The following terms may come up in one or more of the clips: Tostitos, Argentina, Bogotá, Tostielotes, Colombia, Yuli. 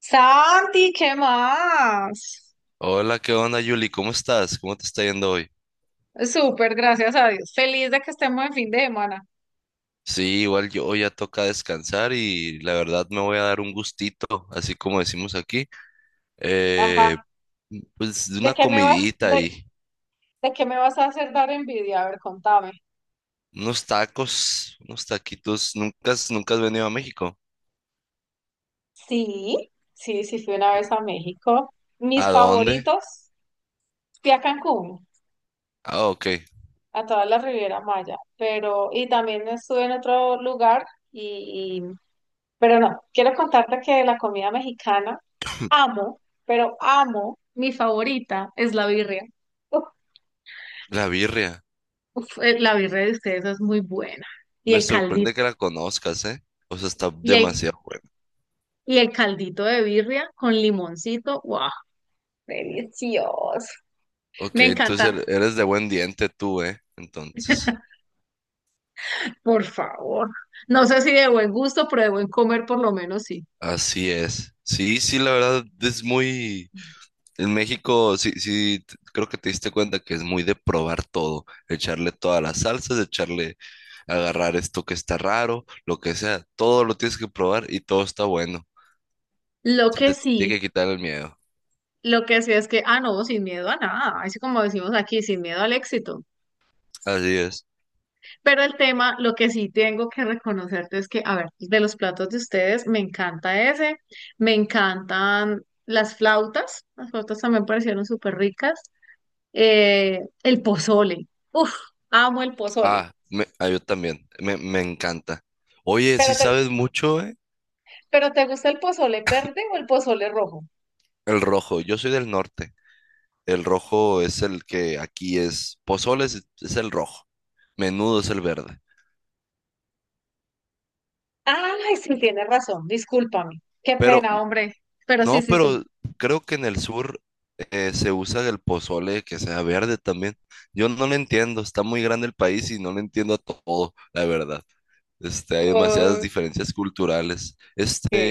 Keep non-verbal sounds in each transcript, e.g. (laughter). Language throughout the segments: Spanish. Santi, ¿qué más? Hola, ¿qué onda, Yuli? ¿Cómo estás? ¿Cómo te está yendo hoy? Súper, gracias a Dios. Feliz de que estemos en fin de semana. Sí, igual yo ya toca descansar y la verdad me voy a dar un gustito, así como decimos aquí. Eh, Ajá. pues de ¿De una qué me vas, comidita y de qué me vas a hacer dar envidia? A ver, contame. unos tacos, unos taquitos. ¿Nunca has venido a México? Sí, sí, sí, fui una vez a México. Mis ¿A dónde? favoritos, fui a Cancún, Ah, ok. a toda la Riviera Maya, pero, y también estuve en otro lugar, y, y- pero no, quiero contarte que la comida mexicana amo, pero amo, mi favorita es la birria. La birria. Uf, la birria de ustedes es muy buena. Y Me el caldito, sorprende que la conozcas, ¿eh? O sea, está y el, demasiado buena. y el caldito de birria con limoncito, wow, delicioso. Ok, Me entonces encanta, eres de buen diente tú, ¿eh? Entonces. por favor. No sé si de buen gusto, pero de buen comer por lo menos sí. Así es. Sí, sí, la verdad es muy. En México, sí, sí, creo que te diste cuenta que es muy de probar todo, echarle todas las salsas, echarle, agarrar esto que está raro, lo que sea, todo lo tienes que probar y todo está bueno. Lo Se que te sí, tiene que quitar el miedo. lo que sí es que, ah, no, sin miedo a nada, así como decimos aquí, sin miedo al éxito. Así es. Pero el tema, lo que sí tengo que reconocerte es que, a ver, de los platos de ustedes, me encantan las flautas también parecieron súper ricas, el pozole, uff, amo el pozole, Yo también, me encanta. Oye, pero sí te, sabes mucho, ¿eh? pero ¿te gusta el pozole verde o el pozole rojo? El rojo, yo soy del norte. El rojo es el que aquí es, pozole es el rojo, menudo es el verde. Ay, sí, tienes razón, discúlpame, qué Pero pena, hombre, pero sí, no, sí, sí. pero creo que en el sur se usa el pozole que sea verde también. Yo no lo entiendo, está muy grande el país y no lo entiendo a todo, la verdad. Hay demasiadas Ok. diferencias culturales. Este,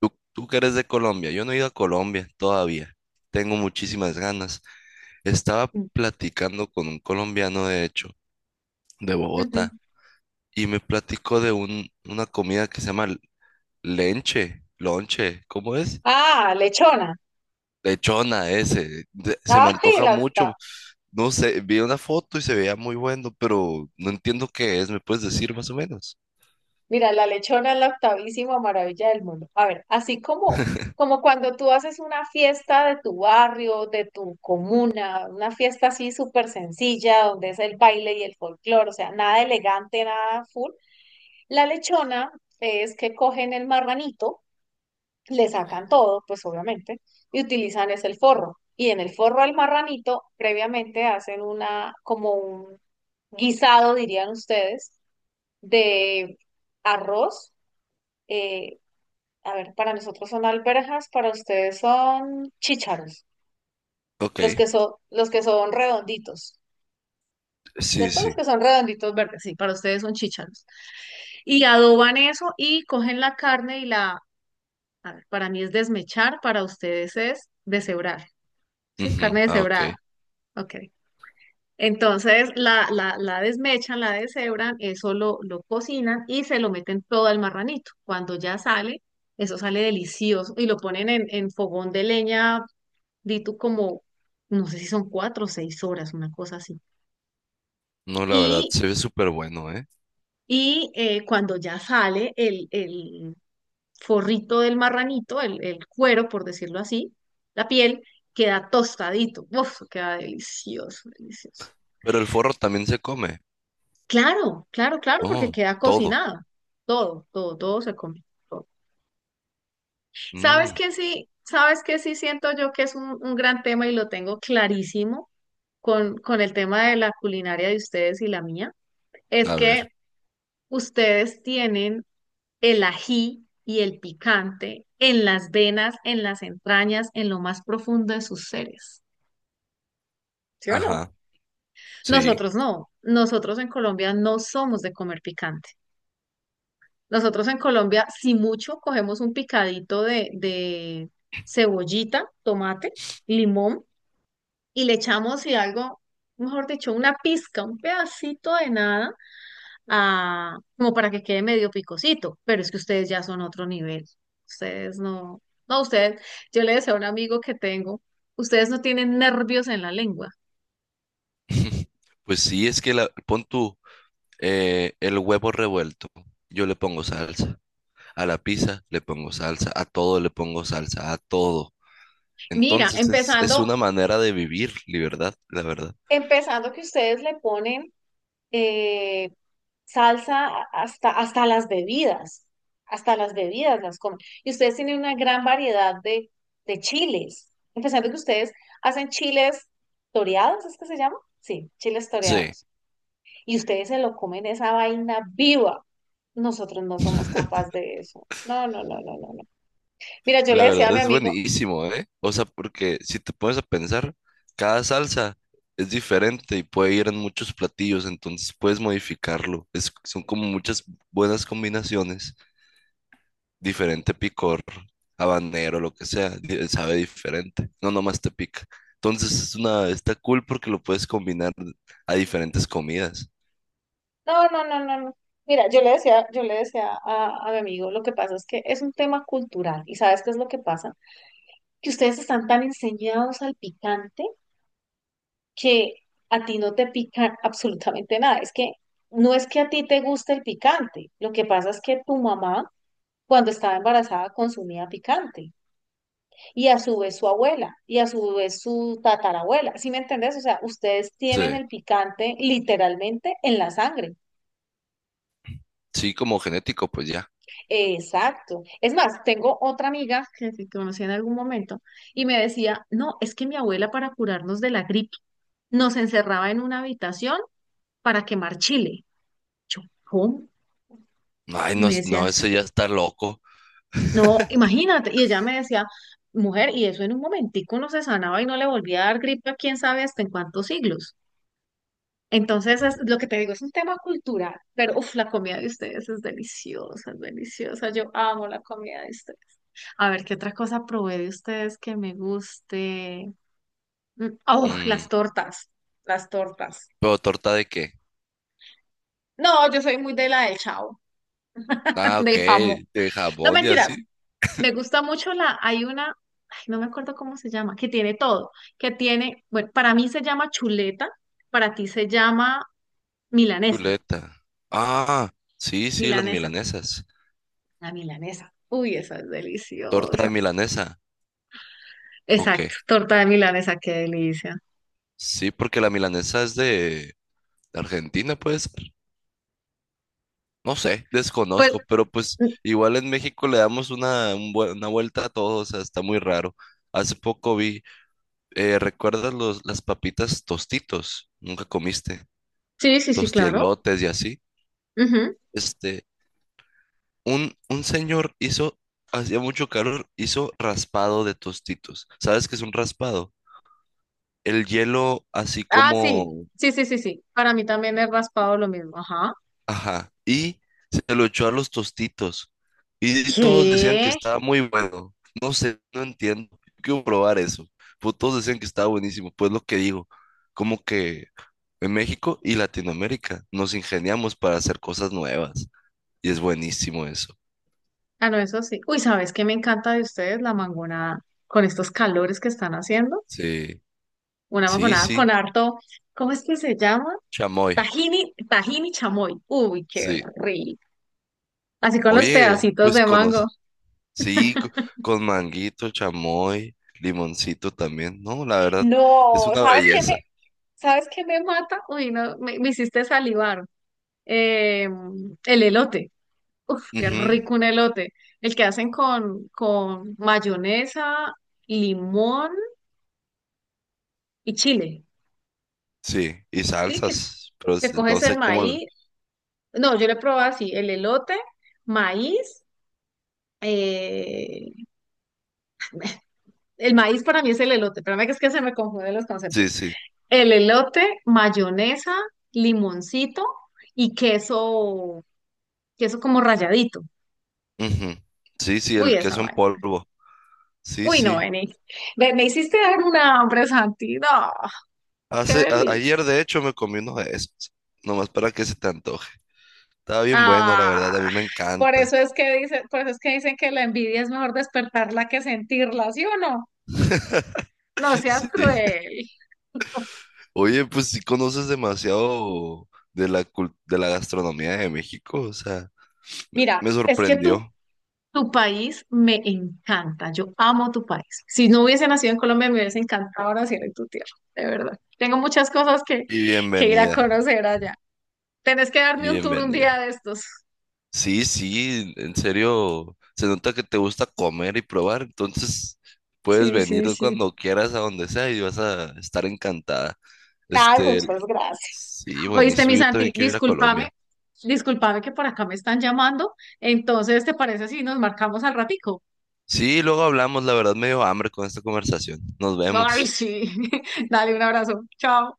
tú que eres de Colombia, yo no he ido a Colombia todavía. Tengo muchísimas ganas. Estaba platicando con un colombiano, de hecho, de Ujú. Bogotá, y me platicó de una comida que se llama lonche, ¿cómo es? Ah, lechona, Lechona ese, se me ay, antoja la, mucho. No sé, vi una foto y se veía muy bueno, pero no entiendo qué es. ¿Me puedes decir más o menos? Mira, la lechona es la octavísima maravilla del mundo. A ver, como cuando tú haces una fiesta de tu barrio, de tu comuna, una fiesta así súper sencilla, donde es el baile y el folclore, o sea, nada elegante, nada full. La lechona es que cogen el marranito, le sacan todo, pues obviamente, y utilizan es el forro. Y en el forro al marranito, previamente hacen una, como un guisado, dirían ustedes, de arroz, eh, a ver, para nosotros son alberjas, para ustedes son chícharos, Ok, los que son redonditos, sí, ¿cierto? Los sí. que son redonditos verdes, sí, para ustedes son chícharos. Y adoban eso y cogen la carne y la, a ver, para mí es desmechar, para ustedes es deshebrar, ¿sí? Ujú, Carne ah, ok. deshebrada, ok. Entonces la desmechan, la deshebran, eso lo cocinan y se lo meten todo al marranito. Cuando ya sale, eso sale delicioso y lo ponen en fogón de leña di tú como, no sé si son cuatro o seis horas, una cosa así. No, la verdad, Y, se ve súper bueno, ¿eh? y cuando ya sale el forrito del marranito, el cuero, por decirlo así, la piel, queda tostadito. Uf, queda delicioso, delicioso. Pero el forro también se come. Claro, claro, claro, porque Oh, queda todo. cocinado. Todo, todo, todo se come, todo. ¿Sabes Mm, qué sí? ¿Sabes qué sí siento yo que es un gran tema y lo tengo clarísimo con el tema de la culinaria de ustedes y la mía? Es a que ver. ustedes tienen el ají y el picante en las venas, en las entrañas, en lo más profundo de sus seres. ¿Sí o no? Ajá, sí. Nosotros no. Nosotros en Colombia no somos de comer picante. Nosotros en Colombia, si mucho, cogemos un picadito de cebollita, tomate, limón y le echamos, y algo, mejor dicho, una pizca, un pedacito de nada a- como para que quede medio picosito, pero es que ustedes ya son otro nivel. Ustedes no, no, ustedes, yo le decía a un amigo que tengo, ustedes no tienen nervios en la lengua. (laughs) Pues sí, es que la, pon tú el huevo revuelto. Yo le pongo salsa. A la pizza le pongo salsa. A todo le pongo salsa. A todo. Mira, Entonces es una manera de vivir libertad, la verdad. empezando que ustedes le ponen eh, salsa a- hasta, hasta las bebidas las comen. Y ustedes tienen una gran variedad de chiles, empezando que ustedes hacen chiles toreados, ¿es que se llama? Sí, chiles Sí, toreados y ustedes se lo comen esa vaina viva. Nosotros no somos capaces de eso. No, no, no, no, no, no. Mira, yo le la decía a verdad mi es amigo, buenísimo, ¿eh? O sea, porque si te pones a pensar, cada salsa es diferente y puede ir en muchos platillos, entonces puedes modificarlo. Es, son como muchas buenas combinaciones, diferente picor, habanero, lo que sea, sabe diferente, no nomás te pica. Entonces es una, está cool porque lo puedes combinar a diferentes comidas. no, no, no, no, no. Mira, yo le decía a mi amigo, lo que pasa es que es un tema cultural. ¿Y sabes qué es lo que pasa? Que ustedes están tan enseñados al picante que a ti no te pica absolutamente nada. Es que no es que a ti te guste el picante. Lo que pasa es que tu mamá, cuando estaba embarazada, consumía picante, y a su vez su abuela, y a su vez su tatarabuela. ¿Sí me entendés? O sea, ustedes tienen Sí, el picante literalmente en la sangre. sí, como genético, pues ya. Exacto. Es más, tengo otra amiga que conocí en algún momento y me decía, no, es que mi abuela para curarnos de la gripe nos encerraba en una habitación para quemar chile. Yo, ¿cómo? Ay, Y no, me decía no, eso así. ya está loco. No, imagínate. Y ella me decía, mujer, y eso en un momentico no se sanaba y no le volvía a dar gripe a quién sabe hasta en cuántos siglos. Entonces, es lo que te digo, es un tema cultural, pero uf, la comida de ustedes es deliciosa, es deliciosa. Yo amo la comida de ustedes. A ver, ¿qué otra cosa probé de ustedes que me guste? Mm, oh, Mm, las tortas. ¿pero torta de qué? No, yo soy muy de la del chao, (laughs) Ah, ok, de jamón. de No jabón y mentiras, así. me gusta mucho ay, no me acuerdo cómo se llama, que tiene todo, que tiene, bueno, para mí se llama chuleta, para ti se llama milanesa, Chuleta. Ah, sí, sí, las milanesa. milanesas. La milanesa. Uy, esa es Torta de deliciosa. milanesa. Ok. Exacto, torta de milanesa, qué delicia. Sí, porque la milanesa es de Argentina, puede ser. No sé, Pues desconozco, pero pues mm, igual en México le damos un una vuelta a todo, o sea, está muy raro. Hace poco vi, ¿recuerdas las papitas tostitos? Nunca comiste. sí, sí, sí, claro. Tostielotes y así. Ujú. Este, un señor hizo, hacía mucho calor, hizo raspado de tostitos. ¿Sabes qué es un raspado? El hielo así Ah, sí, como, sí, sí, sí, sí. Para mí también es raspado lo mismo. Ajá. ajá, y se lo echó a los tostitos. Y todos decían que ¿Qué? estaba muy bueno. No sé, no entiendo. Quiero probar eso. Pues todos decían que estaba buenísimo. Pues lo que digo, como que en México y Latinoamérica nos ingeniamos para hacer cosas nuevas. Y es buenísimo eso. Ah, no, eso sí. Uy, ¿sabes qué me encanta de ustedes? La mangonada. Con estos calores que están haciendo. Sí, Una sí, mangonada sí. con harto, ¿cómo es que se llama? Chamoy. Tajini, tajini chamoy. Uy, qué Sí. rico. Así con los Oye, pedacitos pues de mango. conoce, sí, con manguito, chamoy, limoncito también. No, la verdad, es No, una ¿sabes qué? belleza. ¿Sabes qué me mata? Uy, no, me hiciste salivar. Eh, el elote. Uf, qué Ujú, rico un elote. El que hacen con mayonesa, limón y chile. sí, y ¿Sí? Salsas, pero Que no coges el sé cómo. Maíz. No, yo le probé así, el elote, maíz. Eh, el maíz para mí es el elote. Espérame que es que se me confunden los Sí, conceptos. sí. El elote, mayonesa, limoncito y queso, queso como ralladito. Ujú, sí, sí, Uy, el esa queso en vaina. polvo. Sí, Uy, no, sí. Beni, me hiciste dar un hambre, Santi. No, qué Hace, ayer, delicia. de hecho, me comí uno de esos. Nomás para que se te antoje. Estaba bien bueno, la Ah, verdad, a mí me encanta. Por eso es que dicen que la envidia es mejor despertarla que sentirla, ¿sí o no? No (laughs) seas Sí. cruel. Oye, pues sí conoces demasiado de la, de la gastronomía de México, o sea. Mira, Me es que sorprendió. tu país me encanta. Yo amo tu país. Si no hubiese nacido en Colombia, me hubiese encantado nacer en tu tierra, de verdad. Tengo muchas cosas Y que ir a bienvenida. conocer allá. Tenés que Y darme un tour un día bienvenida. de estos. Sí, sí, en serio. Se nota que te gusta comer y probar. Entonces, puedes Sí, venir sí, sí. cuando quieras a donde sea y vas a estar encantada. Ay, Este, muchas gracias. sí, Oíste, mi buenísimo. Yo Santi, también quiero ir a discúlpame, Colombia. discúlpame que por acá me están llamando. Entonces, ¿te parece si nos marcamos al ratico? Sí, luego hablamos. La verdad, me dio hambre con esta conversación. Nos Ay, vemos. sí. (laughs) Dale un abrazo. Chao.